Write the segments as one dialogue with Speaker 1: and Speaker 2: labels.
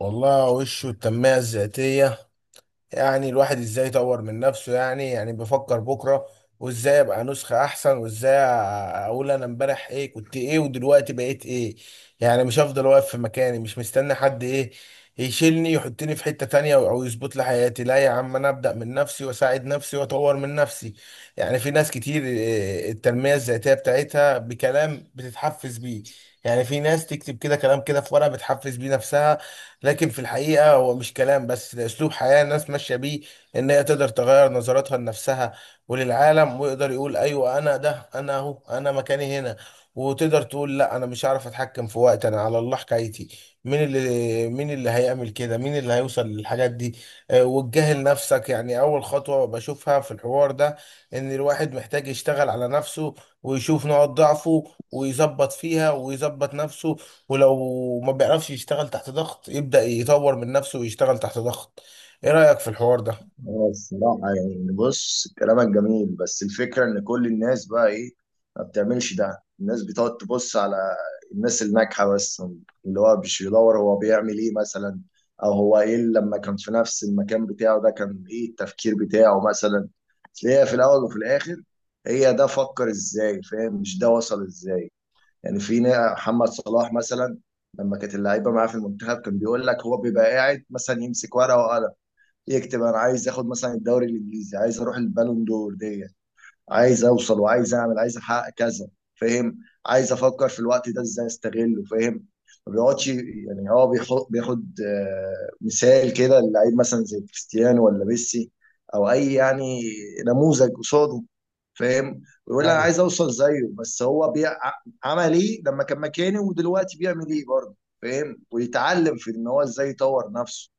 Speaker 1: والله وشه التنمية الذاتية. يعني الواحد ازاي يطور من نفسه، يعني بفكر بكرة وازاي ابقى نسخة احسن، وازاي اقول انا امبارح ايه كنت ايه ودلوقتي بقيت ايه. يعني مش هفضل واقف في مكاني مش مستني حد ايه يشيلني يحطني في حتة تانية او يظبط لي حياتي. لا يا عم، انا ابدأ من نفسي واساعد نفسي واطور من نفسي. يعني في ناس كتير إيه، التنمية الذاتية بتاعتها بكلام بتتحفز بيه. يعني في ناس تكتب كده كلام كده في ورقة بتحفز بيه نفسها. لكن في الحقيقة هو مش كلام بس، ده أسلوب حياة الناس ماشية بيه. إن هي تقدر تغير نظرتها لنفسها وللعالم، ويقدر يقول أيوة أنا ده، أنا أهو، أنا مكاني هنا. وتقدر تقول لا، أنا مش عارف أتحكم في وقت، أنا على الله حكايتي. مين اللي هيعمل كده، مين اللي هيوصل للحاجات دي؟ وتجاهل نفسك يعني أول خطوة بشوفها في الحوار ده. إن الواحد محتاج يشتغل على نفسه ويشوف نقاط ضعفه ويظبط فيها ويظبط نفسه. ولو ما بيعرفش يشتغل تحت ضغط يبدأ يطور من نفسه ويشتغل تحت ضغط. ايه رأيك في الحوار ده؟
Speaker 2: هو الصراحة يعني، بص، كلامك جميل، بس الفكرة إن كل الناس بقى إيه، ما بتعملش ده. الناس بتقعد تبص على الناس الناجحة بس، اللي هو مش بيدور هو بيعمل إيه مثلا، أو هو إيه اللي لما كان في نفس المكان بتاعه ده كان إيه التفكير بتاعه مثلا. أصل هي في الأول وفي الآخر، هي ده فكر إزاي، فاهم؟ مش ده وصل إزاي. يعني محمد صلاح مثلا، لما كانت اللعيبة معاه في المنتخب، كان بيقول لك هو بيبقى قاعد مثلا يمسك ورقة وقلم، يكتب انا عايز اخد مثلا الدوري الانجليزي، عايز اروح البالون دور دي، عايز اوصل، وعايز اعمل، عايز احقق كذا، فاهم؟ عايز افكر في الوقت ده ازاي استغله، فاهم؟ ما بيقعدش. يعني هو بيحط، بياخد مثال كده للعيب مثلا زي كريستيانو ولا ميسي، او اي يعني نموذج قصاده. فاهم؟ ويقول انا
Speaker 1: ايوه.
Speaker 2: عايز اوصل زيه، بس هو عمل ايه لما كان مكاني، ودلوقتي بيعمل ايه برضه. فاهم؟ ويتعلم في ان هو ازاي يطور نفسه.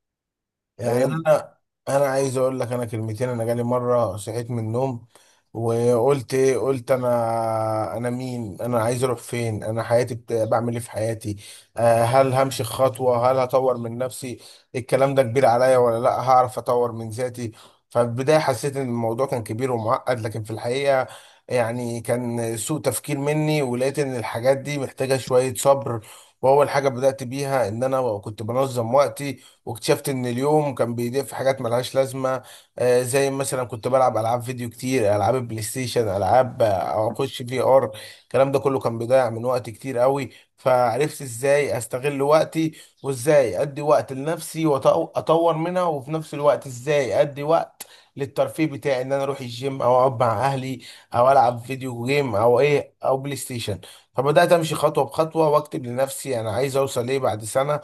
Speaker 1: يعني
Speaker 2: فاهم؟
Speaker 1: انا عايز اقول لك انا كلمتين. انا جالي مره صحيت من النوم وقلت ايه؟ قلت انا مين؟ انا عايز اروح فين؟ انا حياتي بعمل ايه في حياتي؟ هل همشي خطوه؟ هل هطور من نفسي؟ الكلام ده كبير عليا ولا لا هعرف اطور من ذاتي؟ ففي البدايه حسيت ان الموضوع كان كبير ومعقد، لكن في الحقيقه يعني كان سوء تفكير مني، ولقيت ان الحاجات دي محتاجه شويه صبر. واول حاجه بدات بيها ان انا كنت بنظم وقتي، واكتشفت ان اليوم كان بيضيع في حاجات ملهاش لازمه. زي مثلا كنت بلعب العاب فيديو كتير، العاب بلاي ستيشن، العاب او اخش في ار. الكلام ده كله كان بيضيع من وقت كتير قوي. فعرفت ازاي استغل وقتي، وازاي ادي وقت لنفسي واطور منها، وفي نفس الوقت ازاي ادي وقت للترفيه بتاعي، ان انا اروح الجيم او اقعد مع اهلي او العب فيديو جيم او ايه او بلاي ستيشن. فبدات امشي خطوه بخطوه واكتب لنفسي انا عايز اوصل ايه بعد سنه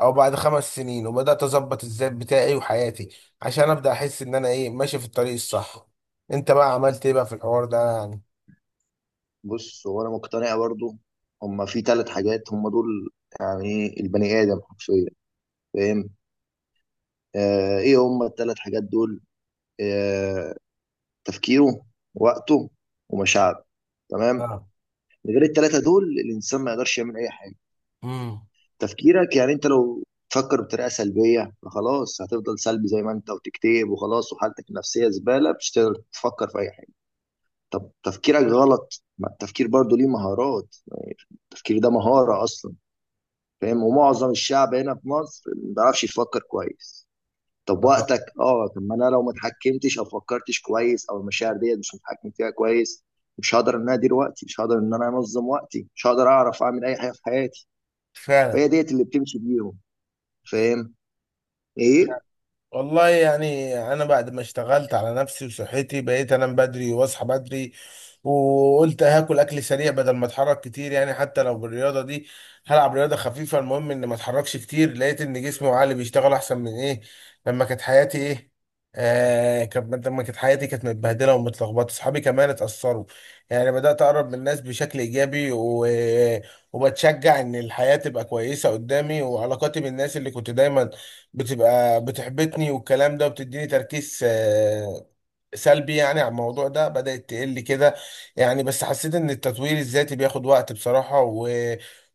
Speaker 1: او بعد خمس سنين، وبدات اظبط الذات بتاعي وحياتي عشان ابدا احس ان انا ايه ماشي في الطريق الصح. انت بقى عملت ايه بقى في الحوار ده يعني؟
Speaker 2: بص، هو انا مقتنع برضو، هما في ثلاث حاجات هما دول يعني إيه البني ادم حرفيا. فاهم؟ آه، ايه هما الثلاث حاجات دول؟ آه تفكيره، وقته، ومشاعره. تمام.
Speaker 1: اه.
Speaker 2: من غير الثلاثه دول الانسان ما يقدرش يعمل اي حاجه.
Speaker 1: امم.
Speaker 2: تفكيرك، يعني انت لو تفكر بطريقه سلبيه فخلاص، هتفضل سلبي زي ما انت، وتكتئب، وخلاص وحالتك النفسيه زباله، مش هتقدر تفكر في اي حاجه. طب تفكيرك غلط، ما التفكير برضو ليه مهارات، التفكير ده مهاره اصلا. فاهم؟ ومعظم الشعب هنا في مصر ما بيعرفش يفكر كويس. طب وقتك، طب ما انا لو ما اتحكمتش او فكرتش كويس، او المشاعر ديت مش متحكم فيها كويس، مش هقدر ان انا ادير وقتي، مش هقدر ان انا انظم وقتي، مش هقدر اعرف اعمل اي حاجه في حياتي.
Speaker 1: فعلا.
Speaker 2: فهي ديت اللي بتمشي بيهم. فاهم؟ ايه.
Speaker 1: والله يعني انا بعد ما اشتغلت على نفسي وصحتي، بقيت انام بدري واصحى بدري. وقلت هاكل اكل سريع بدل ما اتحرك كتير، يعني حتى لو بالرياضه دي هلعب رياضه خفيفه، المهم اني ما اتحركش كتير. لقيت ان جسمي وعقلي بيشتغل احسن من ايه لما كانت حياتي ايه. آه كانت لما كانت حياتي كانت متبهدله ومتلخبطه، اصحابي كمان اتاثروا. يعني بدات اقرب من الناس بشكل ايجابي، وبتشجع ان الحياه تبقى كويسه قدامي. وعلاقاتي بالناس اللي كنت دايما بتبقى بتحبطني والكلام ده، وبتديني تركيز سلبي، يعني على الموضوع ده بدأت تقل كده. يعني بس حسيت ان التطوير الذاتي بياخد وقت بصراحة،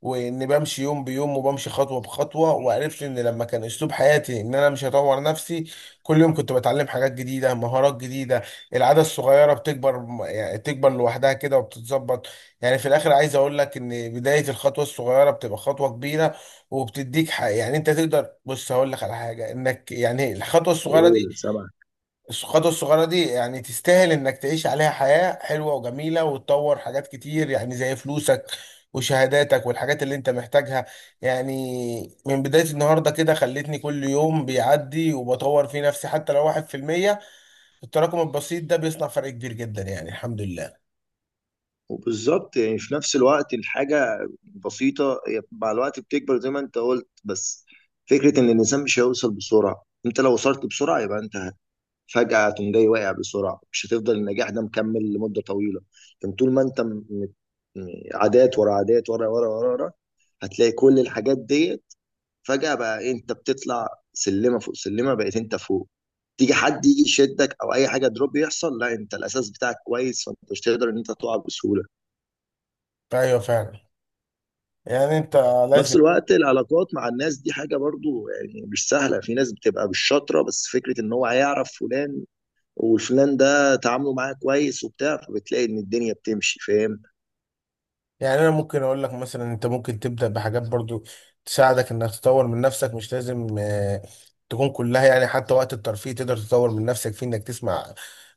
Speaker 1: وان بمشي يوم بيوم وبمشي خطوة بخطوة. وعرفت ان لما كان اسلوب حياتي ان انا مش هطور نفسي، كل يوم كنت بتعلم حاجات جديدة، مهارات جديدة. العادة الصغيرة بتكبر، يعني تكبر لوحدها كده وبتتظبط. يعني في الاخر عايز اقول لك ان بداية الخطوة الصغيرة بتبقى خطوة كبيرة. وبتديك حق، يعني انت تقدر. بص هقول لك على حاجة، انك يعني الخطوة الصغيرة
Speaker 2: قول، سامع.
Speaker 1: الخطوة الصغيرة دي يعني تستاهل انك تعيش عليها حياة حلوة وجميلة وتطور حاجات كتير، يعني زي فلوسك وشهاداتك والحاجات اللي انت محتاجها. يعني من بداية النهاردة كده، خلتني كل يوم بيعدي وبطور في نفسي حتى لو 1%. التراكم البسيط ده بيصنع فرق كبير جدا، يعني الحمد لله.
Speaker 2: وبالظبط، يعني في نفس الوقت الحاجه بسيطه هي مع الوقت بتكبر زي ما انت قلت، بس فكره ان الانسان مش هيوصل بسرعه، انت لو وصلت بسرعه يبقى انت فجأة تقوم جاي واقع بسرعة، مش هتفضل النجاح ده مكمل لمدة طويلة. لكن طول ما انت عادات ورا عادات ورا ورا ورا ورا، هتلاقي كل الحاجات ديت فجأة بقى إيه، انت بتطلع سلمة فوق سلمة، بقيت انت فوق. تيجي حد يجي يشدك او اي حاجة دروب يحصل، لا، انت الاساس بتاعك كويس، فانت مش تقدر ان انت تقع بسهولة.
Speaker 1: ايوه فعلا. يعني انت
Speaker 2: نفس
Speaker 1: لازم.
Speaker 2: الوقت العلاقات مع الناس دي حاجة برضو يعني مش سهلة، في ناس بتبقى بالشطرة، بس فكرة ان هو هيعرف فلان وفلان ده تعامله معاه كويس وبتاع، فبتلاقي ان الدنيا بتمشي. فاهم؟
Speaker 1: يعني انا ممكن اقول لك مثلا انت ممكن تبدا بحاجات برضو تساعدك انك تطور من نفسك، مش لازم تكون كلها. يعني حتى وقت الترفيه تقدر تطور من نفسك فيه، انك تسمع،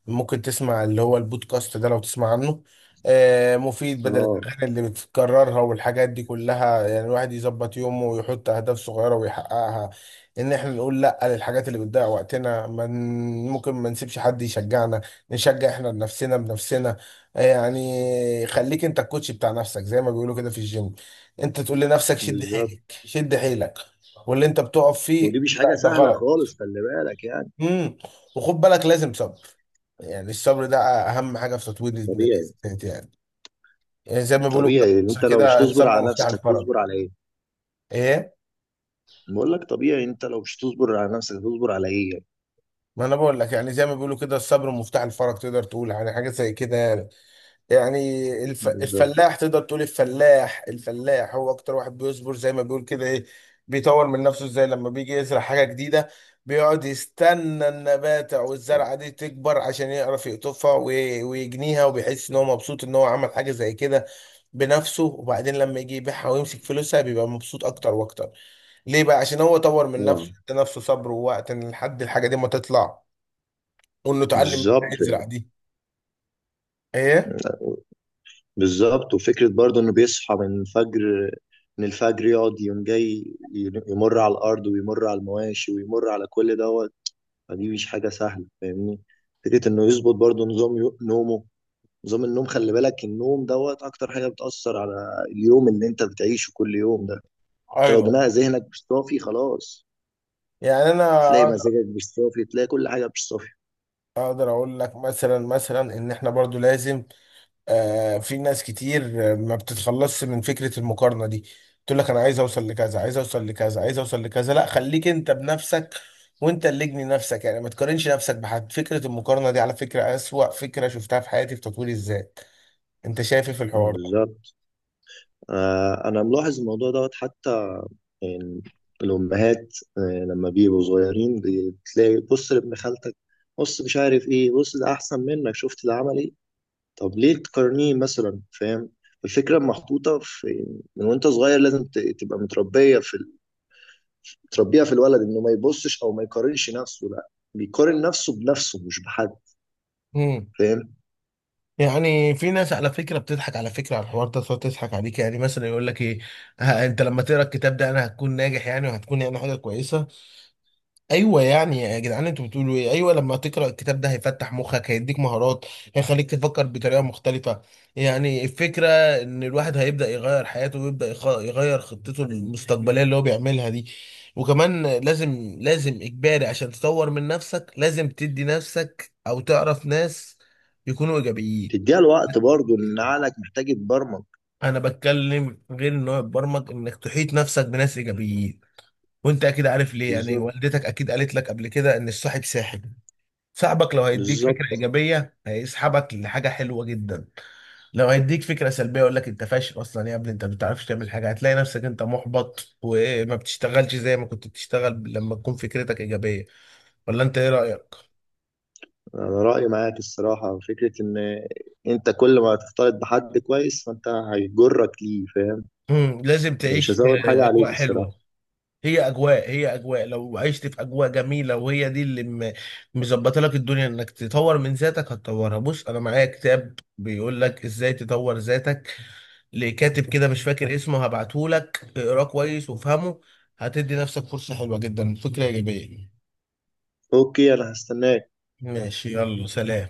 Speaker 1: ممكن تسمع اللي هو البودكاست ده لو تسمع عنه، مفيد بدل
Speaker 2: اه.
Speaker 1: الاغاني اللي بتكررها والحاجات دي كلها. يعني الواحد يظبط يومه ويحط اهداف صغيره ويحققها. ان احنا نقول لا للحاجات اللي بتضيع وقتنا. ممكن ما نسيبش حد يشجعنا، نشجع احنا بنفسنا بنفسنا. يعني خليك انت الكوتش بتاع نفسك، زي ما بيقولوا كده في الجيم، انت تقول لنفسك شد
Speaker 2: بالظبط.
Speaker 1: حيلك، شد حيلك. واللي انت بتقف فيه
Speaker 2: ودي مش حاجة
Speaker 1: لا ده
Speaker 2: سهلة
Speaker 1: غلط.
Speaker 2: خالص، خلي بالك يعني.
Speaker 1: امم. وخد بالك لازم صبر. يعني الصبر ده اهم حاجه في تطوير الذات.
Speaker 2: طبيعي.
Speaker 1: يعني. يعني زي ما بيقولوا كده في
Speaker 2: طبيعي،
Speaker 1: مصر
Speaker 2: انت لو مش
Speaker 1: كده،
Speaker 2: تصبر
Speaker 1: الصبر
Speaker 2: على
Speaker 1: مفتاح
Speaker 2: نفسك
Speaker 1: الفرج.
Speaker 2: تصبر على ايه.
Speaker 1: ايه.
Speaker 2: بقول لك، طبيعي، انت لو مش تصبر على نفسك تصبر على ايه يعني.
Speaker 1: ما انا بقول لك، يعني زي ما بيقولوا كده الصبر مفتاح الفرج، تقدر تقول يعني حاجه زي كده يعني. يعني
Speaker 2: بالظبط.
Speaker 1: الفلاح، تقدر تقول الفلاح، الفلاح هو اكتر واحد بيصبر زي ما بيقول كده. ايه؟ بيطور من نفسه ازاي لما بيجي يزرع حاجة جديدة؟ بيقعد يستنى النبات او الزرعة دي تكبر عشان يعرف يقطفها ويجنيها، وبيحس ان هو مبسوط ان هو عمل حاجة زي كده بنفسه. وبعدين لما يجي يبيعها ويمسك فلوسها بيبقى مبسوط اكتر واكتر. ليه بقى؟ عشان هو طور من نفسه،
Speaker 2: طبعا.
Speaker 1: ادى نفسه صبر ووقت إن لحد الحاجة دي ما تطلع، وانه اتعلم ازاي
Speaker 2: بالظبط.
Speaker 1: يزرع دي. ايه.
Speaker 2: بالظبط، وفكرة برضه انه بيصحى من الفجر، من الفجر يقعد يوم جاي، يمر على الارض، ويمر على المواشي، ويمر على كل ده، فدي مش حاجة سهلة، فاهمني؟ فكرة إنه يظبط برضه نظام نومه، نظام النوم، خلي بالك، النوم دوت أكتر حاجة بتأثر على اليوم اللي أنت بتعيشه كل يوم ده. أنت لو
Speaker 1: ايوه
Speaker 2: دماغ ذهنك مش صافي خلاص،
Speaker 1: يعني انا
Speaker 2: تلاقي مزاجك مش صافي، تلاقي كل حاجة مش صافي.
Speaker 1: اقدر اقول لك مثلا ان احنا برضو لازم. في ناس كتير ما بتتخلصش من فكرة المقارنة دي. تقول لك انا عايز اوصل لكذا، عايز اوصل لكذا، عايز اوصل لكذا. لا، خليك انت بنفسك، وانت اللي اجني نفسك، يعني ما تقارنش نفسك بحد. فكرة المقارنة دي على فكرة اسوأ فكرة شفتها في حياتي في تطوير الذات. انت شايف إيه في الحوار ده؟
Speaker 2: بالظبط. آه، أنا ملاحظ الموضوع دوت حتى، يعني الأمهات لما بيبقوا صغيرين، بتلاقي، بص لابن خالتك، بص مش عارف إيه، بص ده أحسن منك، شفت ده عمل إيه، طب ليه تقارنيه مثلا، فاهم؟ الفكرة محطوطة في، من وانت صغير لازم تبقى متربية تربيها في الولد انه ما يبصش او ما يقارنش نفسه، لا بيقارن نفسه بنفسه مش بحد.
Speaker 1: امم.
Speaker 2: فاهم؟
Speaker 1: يعني في ناس على فكره بتضحك على فكره على الحوار ده، تقعد تضحك عليك، يعني مثلا يقول لك ايه؟ ها، انت لما تقرا الكتاب ده انا هتكون ناجح يعني وهتكون يعني حاجه كويسه؟ ايوه يعني يا جدعان انتوا بتقولوا ايه؟ ايوه، لما تقرا الكتاب ده هيفتح مخك، هيديك مهارات، هيخليك تفكر بطريقه مختلفه. يعني الفكره ان الواحد هيبدا يغير حياته، ويبدا يغير خطته المستقبليه اللي هو بيعملها دي. وكمان لازم، لازم اجباري عشان تطور من نفسك لازم تدي نفسك او تعرف ناس يكونوا ايجابيين.
Speaker 2: تديها الوقت برضه، ان عقلك محتاج يتبرمج.
Speaker 1: انا بتكلم غير ان هو يتبرمج، انك تحيط نفسك بناس ايجابيين. وانت اكيد عارف ليه، يعني
Speaker 2: بالظبط.
Speaker 1: والدتك اكيد قالت لك قبل كده ان الصاحب ساحب. صاحبك لو هيديك فكرة
Speaker 2: بالظبط.
Speaker 1: إيجابية هيسحبك لحاجة حلوة جدا. لو هيديك فكرة سلبية يقول لك أنت فاشل أصلا يا ابني، أنت ما بتعرفش تعمل حاجة، هتلاقي نفسك أنت محبط وما بتشتغلش زي ما كنت بتشتغل لما تكون فكرتك إيجابية. ولا أنت إيه رأيك؟
Speaker 2: انا رأيي معاك الصراحة، فكرة ان انت كل ما تختلط بحد كويس فانت هيجرك ليه. فاهم؟
Speaker 1: مم. لازم
Speaker 2: يعني مش
Speaker 1: تعيش في
Speaker 2: هزود حاجة عليك
Speaker 1: أجواء
Speaker 2: الصراحة.
Speaker 1: حلوة. هي أجواء لو عشت في أجواء جميلة وهي دي اللي مظبطة لك الدنيا إنك تطور من ذاتك هتطورها. بص أنا معايا كتاب بيقول لك إزاي تطور ذاتك لكاتب كده مش فاكر اسمه، هبعتهولك اقراه كويس وافهمه، هتدي نفسك فرصة حلوة جدا فكرة إيجابية.
Speaker 2: اوكي، انا هستناك.
Speaker 1: ماشي، يلا سلام.